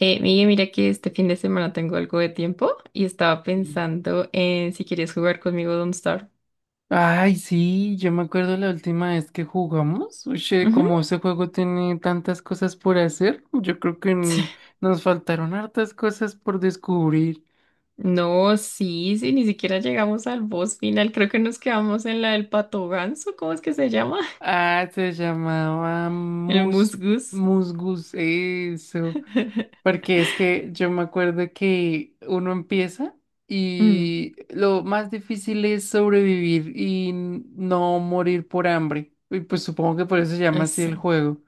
Miguel, mira que este fin de semana tengo algo de tiempo y estaba pensando en si quieres jugar conmigo Don't Starve. Ay, sí, yo me acuerdo la última vez que jugamos. Oye, Ujú. como ese juego tiene tantas cosas por hacer, yo creo que Sí. Nos faltaron hartas cosas por descubrir. No, sí, sí, ni siquiera llegamos al boss final. Creo que nos quedamos en la del pato ganso, ¿cómo es que se llama? Ah, se llamaba El Mus, musgus. Musgus, eso. Porque es que yo me acuerdo que uno empieza Mm, y lo más difícil es sobrevivir y no morir por hambre. Y pues supongo que por eso se llama así así el juego.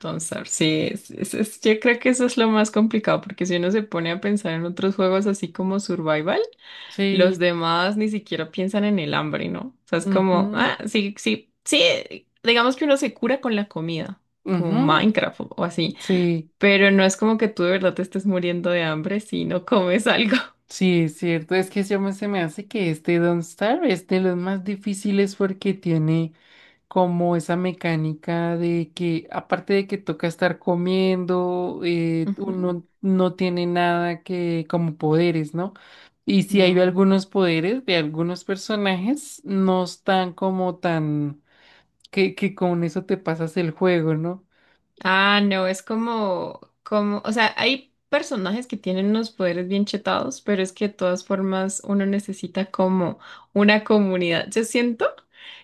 Don't Starve, sí, yo creo que eso es lo más complicado porque si uno se pone a pensar en otros juegos así como Survival. Los Sí. demás ni siquiera piensan en el hambre, ¿no? O sea, es como, Ujú, ah, sí, sí, sí, digamos que uno se cura con la comida, como ujú, Minecraft o así, sí, pero no es como que tú de verdad te estés muriendo de hambre si no comes algo. sí, es cierto. Es que se me hace que este Don't Starve es de los más difíciles porque tiene como esa mecánica de que, aparte de que toca estar comiendo, Ujú. uno no tiene nada que como poderes, ¿no? Y si hay No. algunos poderes de algunos personajes, no están como tan que con eso te pasas el juego, ¿no? Ah, no, es como, o sea, hay personajes que tienen unos poderes bien chetados, pero es que de todas formas uno necesita como una comunidad. Yo siento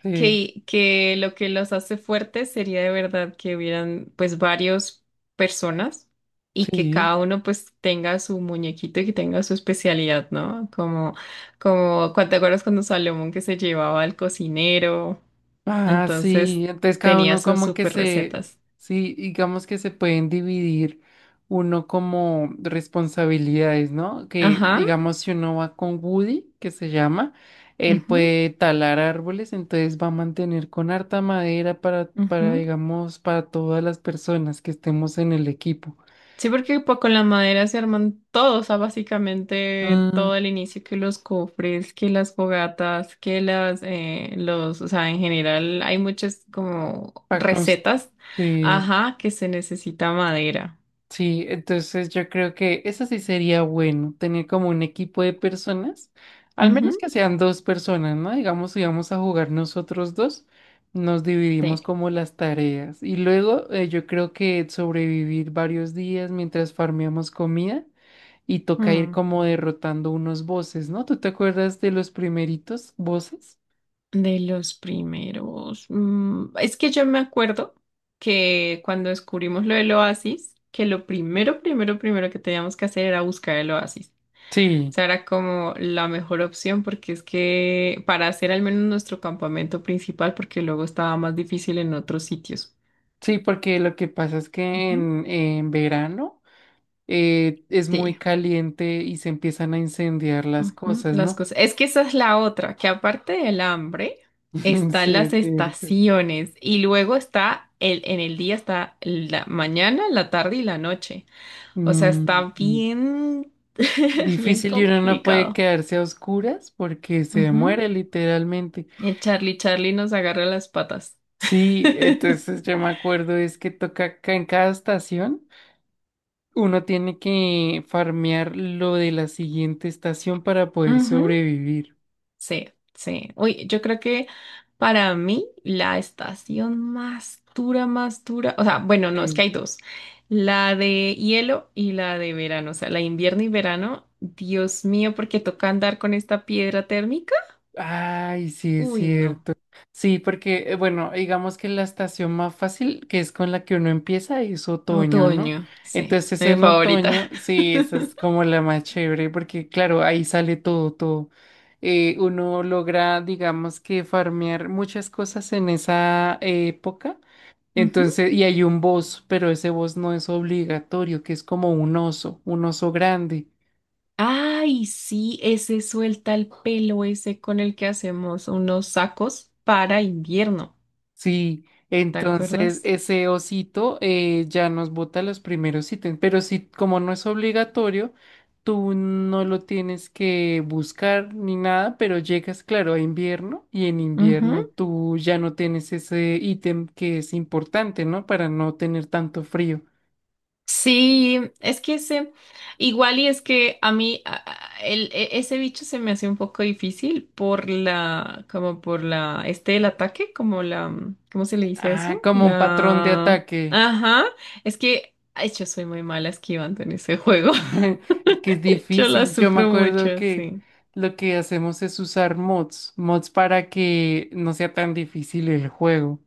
Sí, que lo que los hace fuertes sería de verdad que hubieran pues varios personas y que sí. cada uno pues tenga su muñequito y que tenga su especialidad, ¿no? Como, ¿te acuerdas cuando Salomón que se llevaba al cocinero? Ah, Entonces sí, entonces cada tenía uno sus como que super se, recetas. sí, digamos que se pueden dividir uno como responsabilidades, ¿no? Que Ajá. digamos si uno va con Woody, que se llama, él Ujú, puede talar árboles, entonces va a mantener con harta madera ujú. digamos, para todas las personas que estemos en el equipo. Sí, porque pues, con la madera se arman todo, o sea, básicamente todo Mm. el inicio, que los cofres, que las fogatas, los, o sea, en general hay muchas como Para recetas, construir. ajá, que se necesita madera. Sí, entonces yo creo que eso sí sería bueno, tener como un equipo de personas, al Ujú, menos que sean dos personas, ¿no? Digamos, si vamos a jugar nosotros dos, nos dividimos sí. como las tareas y luego yo creo que sobrevivir varios días mientras farmeamos comida y toca ir Mm, como derrotando unos bosses, ¿no? ¿Tú te acuerdas de los primeritos bosses? De los primeros. Es que yo me acuerdo que cuando descubrimos lo del oasis, que lo primero, primero, primero que teníamos que hacer era buscar el oasis. Sí, Sea, era como la mejor opción porque es que para hacer al menos nuestro campamento principal, porque luego estaba más difícil en otros sitios. sí, porque lo que pasa es que Ujú. En verano es Sí, muy caliente y se empiezan a incendiar las ujú, cosas, las ¿no? cosas. Es que esa es la otra, que aparte del hambre, Sí, están las es cierto. estaciones y luego en el día está la mañana, la tarde y la noche. O sea, está Mm, mm. bien, bien Difícil, y uno no puede complicado. quedarse a oscuras porque se Ujú. muere literalmente. El Charlie nos agarra las patas. Sí, entonces yo me acuerdo es que toca acá en cada estación, uno tiene que farmear lo de la siguiente estación para poder Ujú. sobrevivir. Sí, sí. Uy, yo creo que para mí la estación más dura, o sea, bueno, no, es que Sí. hay dos, la de hielo y la de verano, o sea, la invierno y verano, Dios mío, porque toca andar con esta piedra térmica. Ay, sí, es Uy, no. cierto. Sí, porque, bueno, digamos que la estación más fácil, que es con la que uno empieza, es otoño, ¿no? Otoño, sí, Entonces mi en favorita. otoño, sí, esa es como la más chévere, porque claro, ahí sale todo, todo. Uno logra, digamos que farmear muchas cosas en esa época. Ujú. Entonces, y hay un boss, pero ese boss no es obligatorio, que es como un oso grande. Ay, sí, ese suelta el pelo, ese con el que hacemos unos sacos para invierno, Sí, ¿te entonces acuerdas? ese osito ya nos bota los primeros ítems, pero si como no es obligatorio, tú no lo tienes que buscar ni nada, pero llegas, claro, a invierno y en invierno tú ya no tienes ese ítem que es importante, ¿no? Para no tener tanto frío. Sí, es que ese, igual y es que a mí ese bicho se me hace un poco difícil por la, como este, el ataque, como la, ¿cómo se le dice Ah, eso? como un patrón de La, ataque. ajá, es que, ay, yo soy muy mala esquivando en ese juego, Es que es yo la difícil. Yo me sufro acuerdo mucho, que sí. lo que hacemos es usar mods, mods para que no sea tan difícil el juego.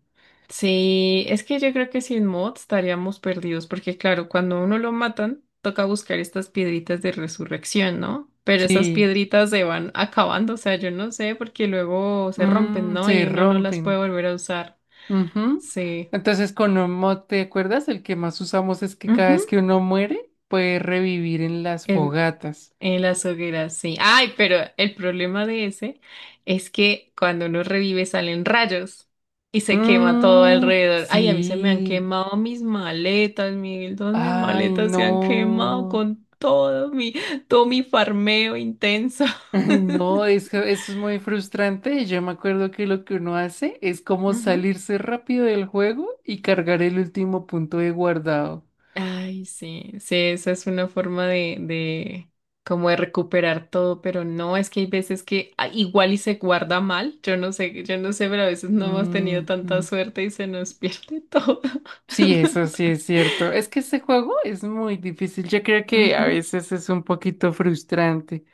Sí, es que yo creo que sin mods estaríamos perdidos, porque claro, cuando a uno lo matan, toca buscar estas piedritas de resurrección, ¿no? Pero esas Sí, piedritas se van acabando, o sea, yo no sé, porque luego se rompen, mm, ¿no? se Y uno no las puede rompen. volver a usar. Ujú. Sí. Entonces, con un mod, ¿te acuerdas? El que más usamos es que cada Ujú. vez que uno muere, puede revivir en las fogatas. En las hogueras, sí. Ay, pero el problema de ese es que cuando uno revive salen rayos y se quema todo Mm, alrededor. Ay, a mí se me han sí. quemado mis maletas, Miguel. Todas mis Ay, maletas se han quemado no. con todo mi farmeo intenso. No, es que eso es muy frustrante. Yo me acuerdo que lo que uno hace es como Ujú. salirse rápido del juego y cargar el último punto de guardado. Ay, sí, sí, esa es una forma de como de recuperar todo, pero no, es que hay veces que igual y se guarda mal, yo no sé, pero a veces no hemos tenido Mm, tanta mm. suerte y se nos pierde todo. Sí, eso sí es cierto. Es que ese juego es muy difícil. Yo creo que a Ujú. veces es un poquito frustrante.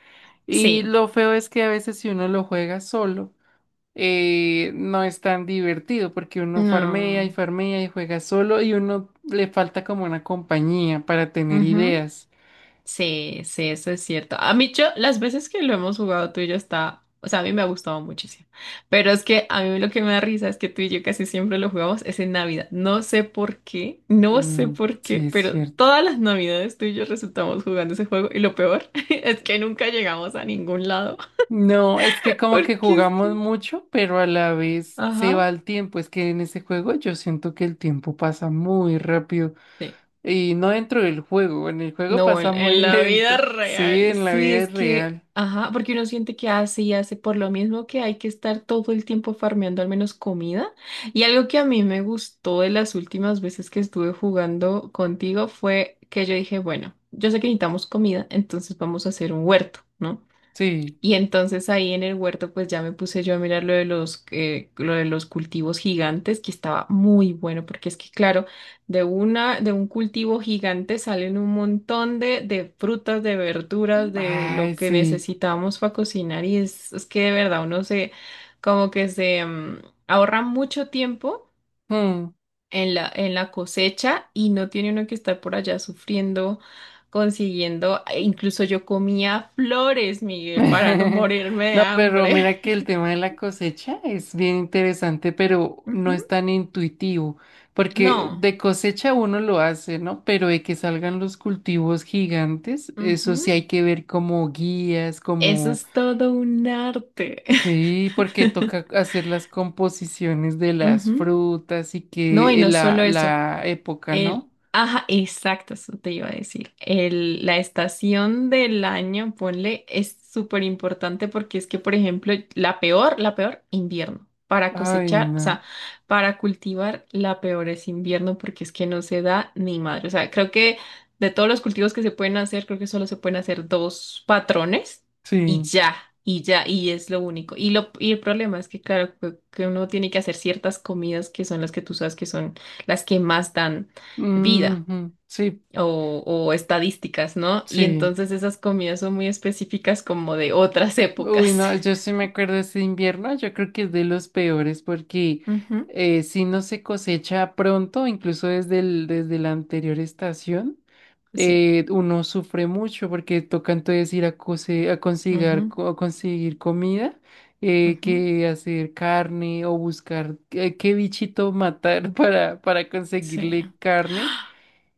Y Sí, lo feo es que a veces si uno lo juega solo, no es tan divertido porque uno farmea y no. farmea y juega solo y uno le falta como una compañía para tener Ujú. ideas. Sí, sí, eso es cierto. A mí, yo, las veces que lo hemos jugado tú y yo está, o sea, a mí me ha gustado muchísimo. Pero es que a mí lo que me da risa es que tú y yo casi siempre lo jugamos es en Navidad. No sé por qué, no sé Mm, por qué, sí, es pero cierto. todas las Navidades tú y yo resultamos jugando ese juego y lo peor es que nunca llegamos a ningún lado. No, es que como que Porque es jugamos que, mucho, pero a la vez se ajá. va el tiempo. Es que en ese juego yo siento que el tiempo pasa muy rápido. Sí. Y no dentro del juego, en el juego No, en, pasa en muy la vida lento. Sí, real, en la sí, es vida que, real. ajá, porque uno siente que hace y hace por lo mismo que hay que estar todo el tiempo farmeando al menos comida. Y algo que a mí me gustó de las últimas veces que estuve jugando contigo fue que yo dije, bueno, yo sé que necesitamos comida, entonces vamos a hacer un huerto, ¿no? Sí. Y entonces ahí en el huerto pues ya me puse yo a mirar lo de los cultivos gigantes, que estaba muy bueno, porque es que claro, de un cultivo gigante salen un montón de frutas, de verduras, de lo Ay, que sí. necesitamos para cocinar y es que de verdad como que se ahorra mucho tiempo Mm. en la cosecha y no tiene uno que estar por allá sufriendo, consiguiendo. E incluso yo comía flores, Miguel, para no morirme de No, pero hambre. mira que el tema de la cosecha es bien interesante, pero no Ujú. es tan intuitivo, porque No, de cosecha uno lo hace, ¿no? Pero de que salgan los cultivos gigantes, eso sí ujú. hay que ver como guías, Eso como es todo un arte. sí, porque toca hacer las composiciones de las Ujú. frutas y No, y que no solo eso. la época, ¿no? Ajá, exacto, eso te iba a decir. La estación del año, ponle, es súper importante porque es que, por ejemplo, la peor, invierno. Para Ay, cosechar, o no. sea, para cultivar, la peor es invierno porque es que no se da ni madre. O sea, creo que de todos los cultivos que se pueden hacer, creo que solo se pueden hacer dos patrones y Sí. ya. Y ya, y es lo único. Y el problema es que, claro, que uno tiene que hacer ciertas comidas que son las que tú sabes que son las que más dan vida Ujú, sí, o estadísticas, ¿no? Y sí. entonces esas comidas son muy específicas como de otras Uy, épocas. no, yo sí me acuerdo de ese invierno, yo creo que es de los peores porque Ujú. Si no se cosecha pronto, incluso desde el, desde la anterior estación. Sí, Uno sufre mucho porque toca entonces ir a, ujú, conseguir comida, ujú, que hacer carne o buscar qué bichito matar para sí, conseguirle carne.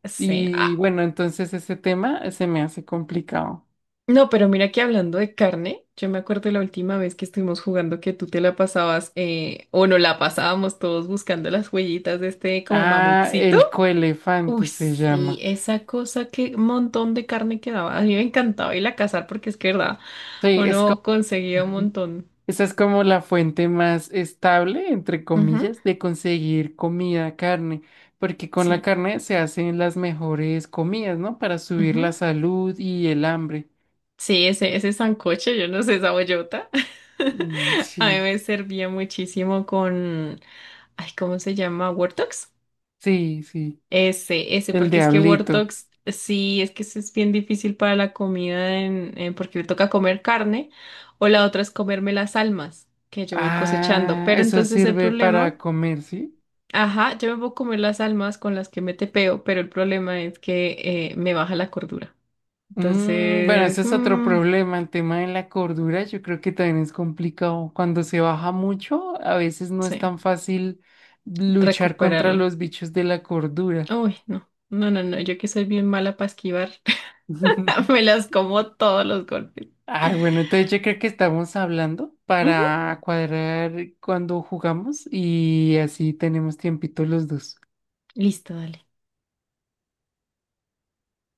sí. Y Ah, bueno, entonces ese tema se me hace complicado. no, pero mira que hablando de carne, yo me acuerdo la última vez que estuvimos jugando que tú te la pasabas o no la pasábamos todos buscando las huellitas de este como Ah, mamutcito. el Uy, coelefante se sí, llama. esa cosa que montón de carne quedaba. A mí me encantaba ir a cazar porque es que, verdad, Sí, es como uno conseguía un montón. esa es como la fuente más estable, entre comillas, de conseguir comida, carne, porque con la Sí. carne se hacen las mejores comidas, ¿no? Para subir la Ujú. salud y el hambre. Sí, ese sancocho, yo no sé, esa bollota. Mm, A mí sí, me servía muchísimo con, ay, ¿cómo se llama? ¿Wortox? sí, sí. Ese, El porque es que diablito. Wortox, sí, es que eso es bien difícil para la comida porque le toca comer carne, o la otra es comerme las almas que yo voy cosechando. Ah, Pero eso entonces el sirve problema, para comer, ¿sí? ajá, yo me puedo comer las almas con las que me tepeo, pero el problema es que me baja la cordura. Mm, bueno, Entonces, ese es otro mm, problema. El tema de la cordura, yo creo que también es complicado. Cuando se baja mucho, a veces no es sí. tan fácil luchar contra Recuperarla. los bichos de la cordura. Uy, no, no, no, no, yo que soy bien mala para esquivar, me las como todos los golpes. Ah, bueno, entonces yo creo que estamos hablando Ujú. para cuadrar cuando jugamos y así tenemos tiempito los dos. Listo, dale.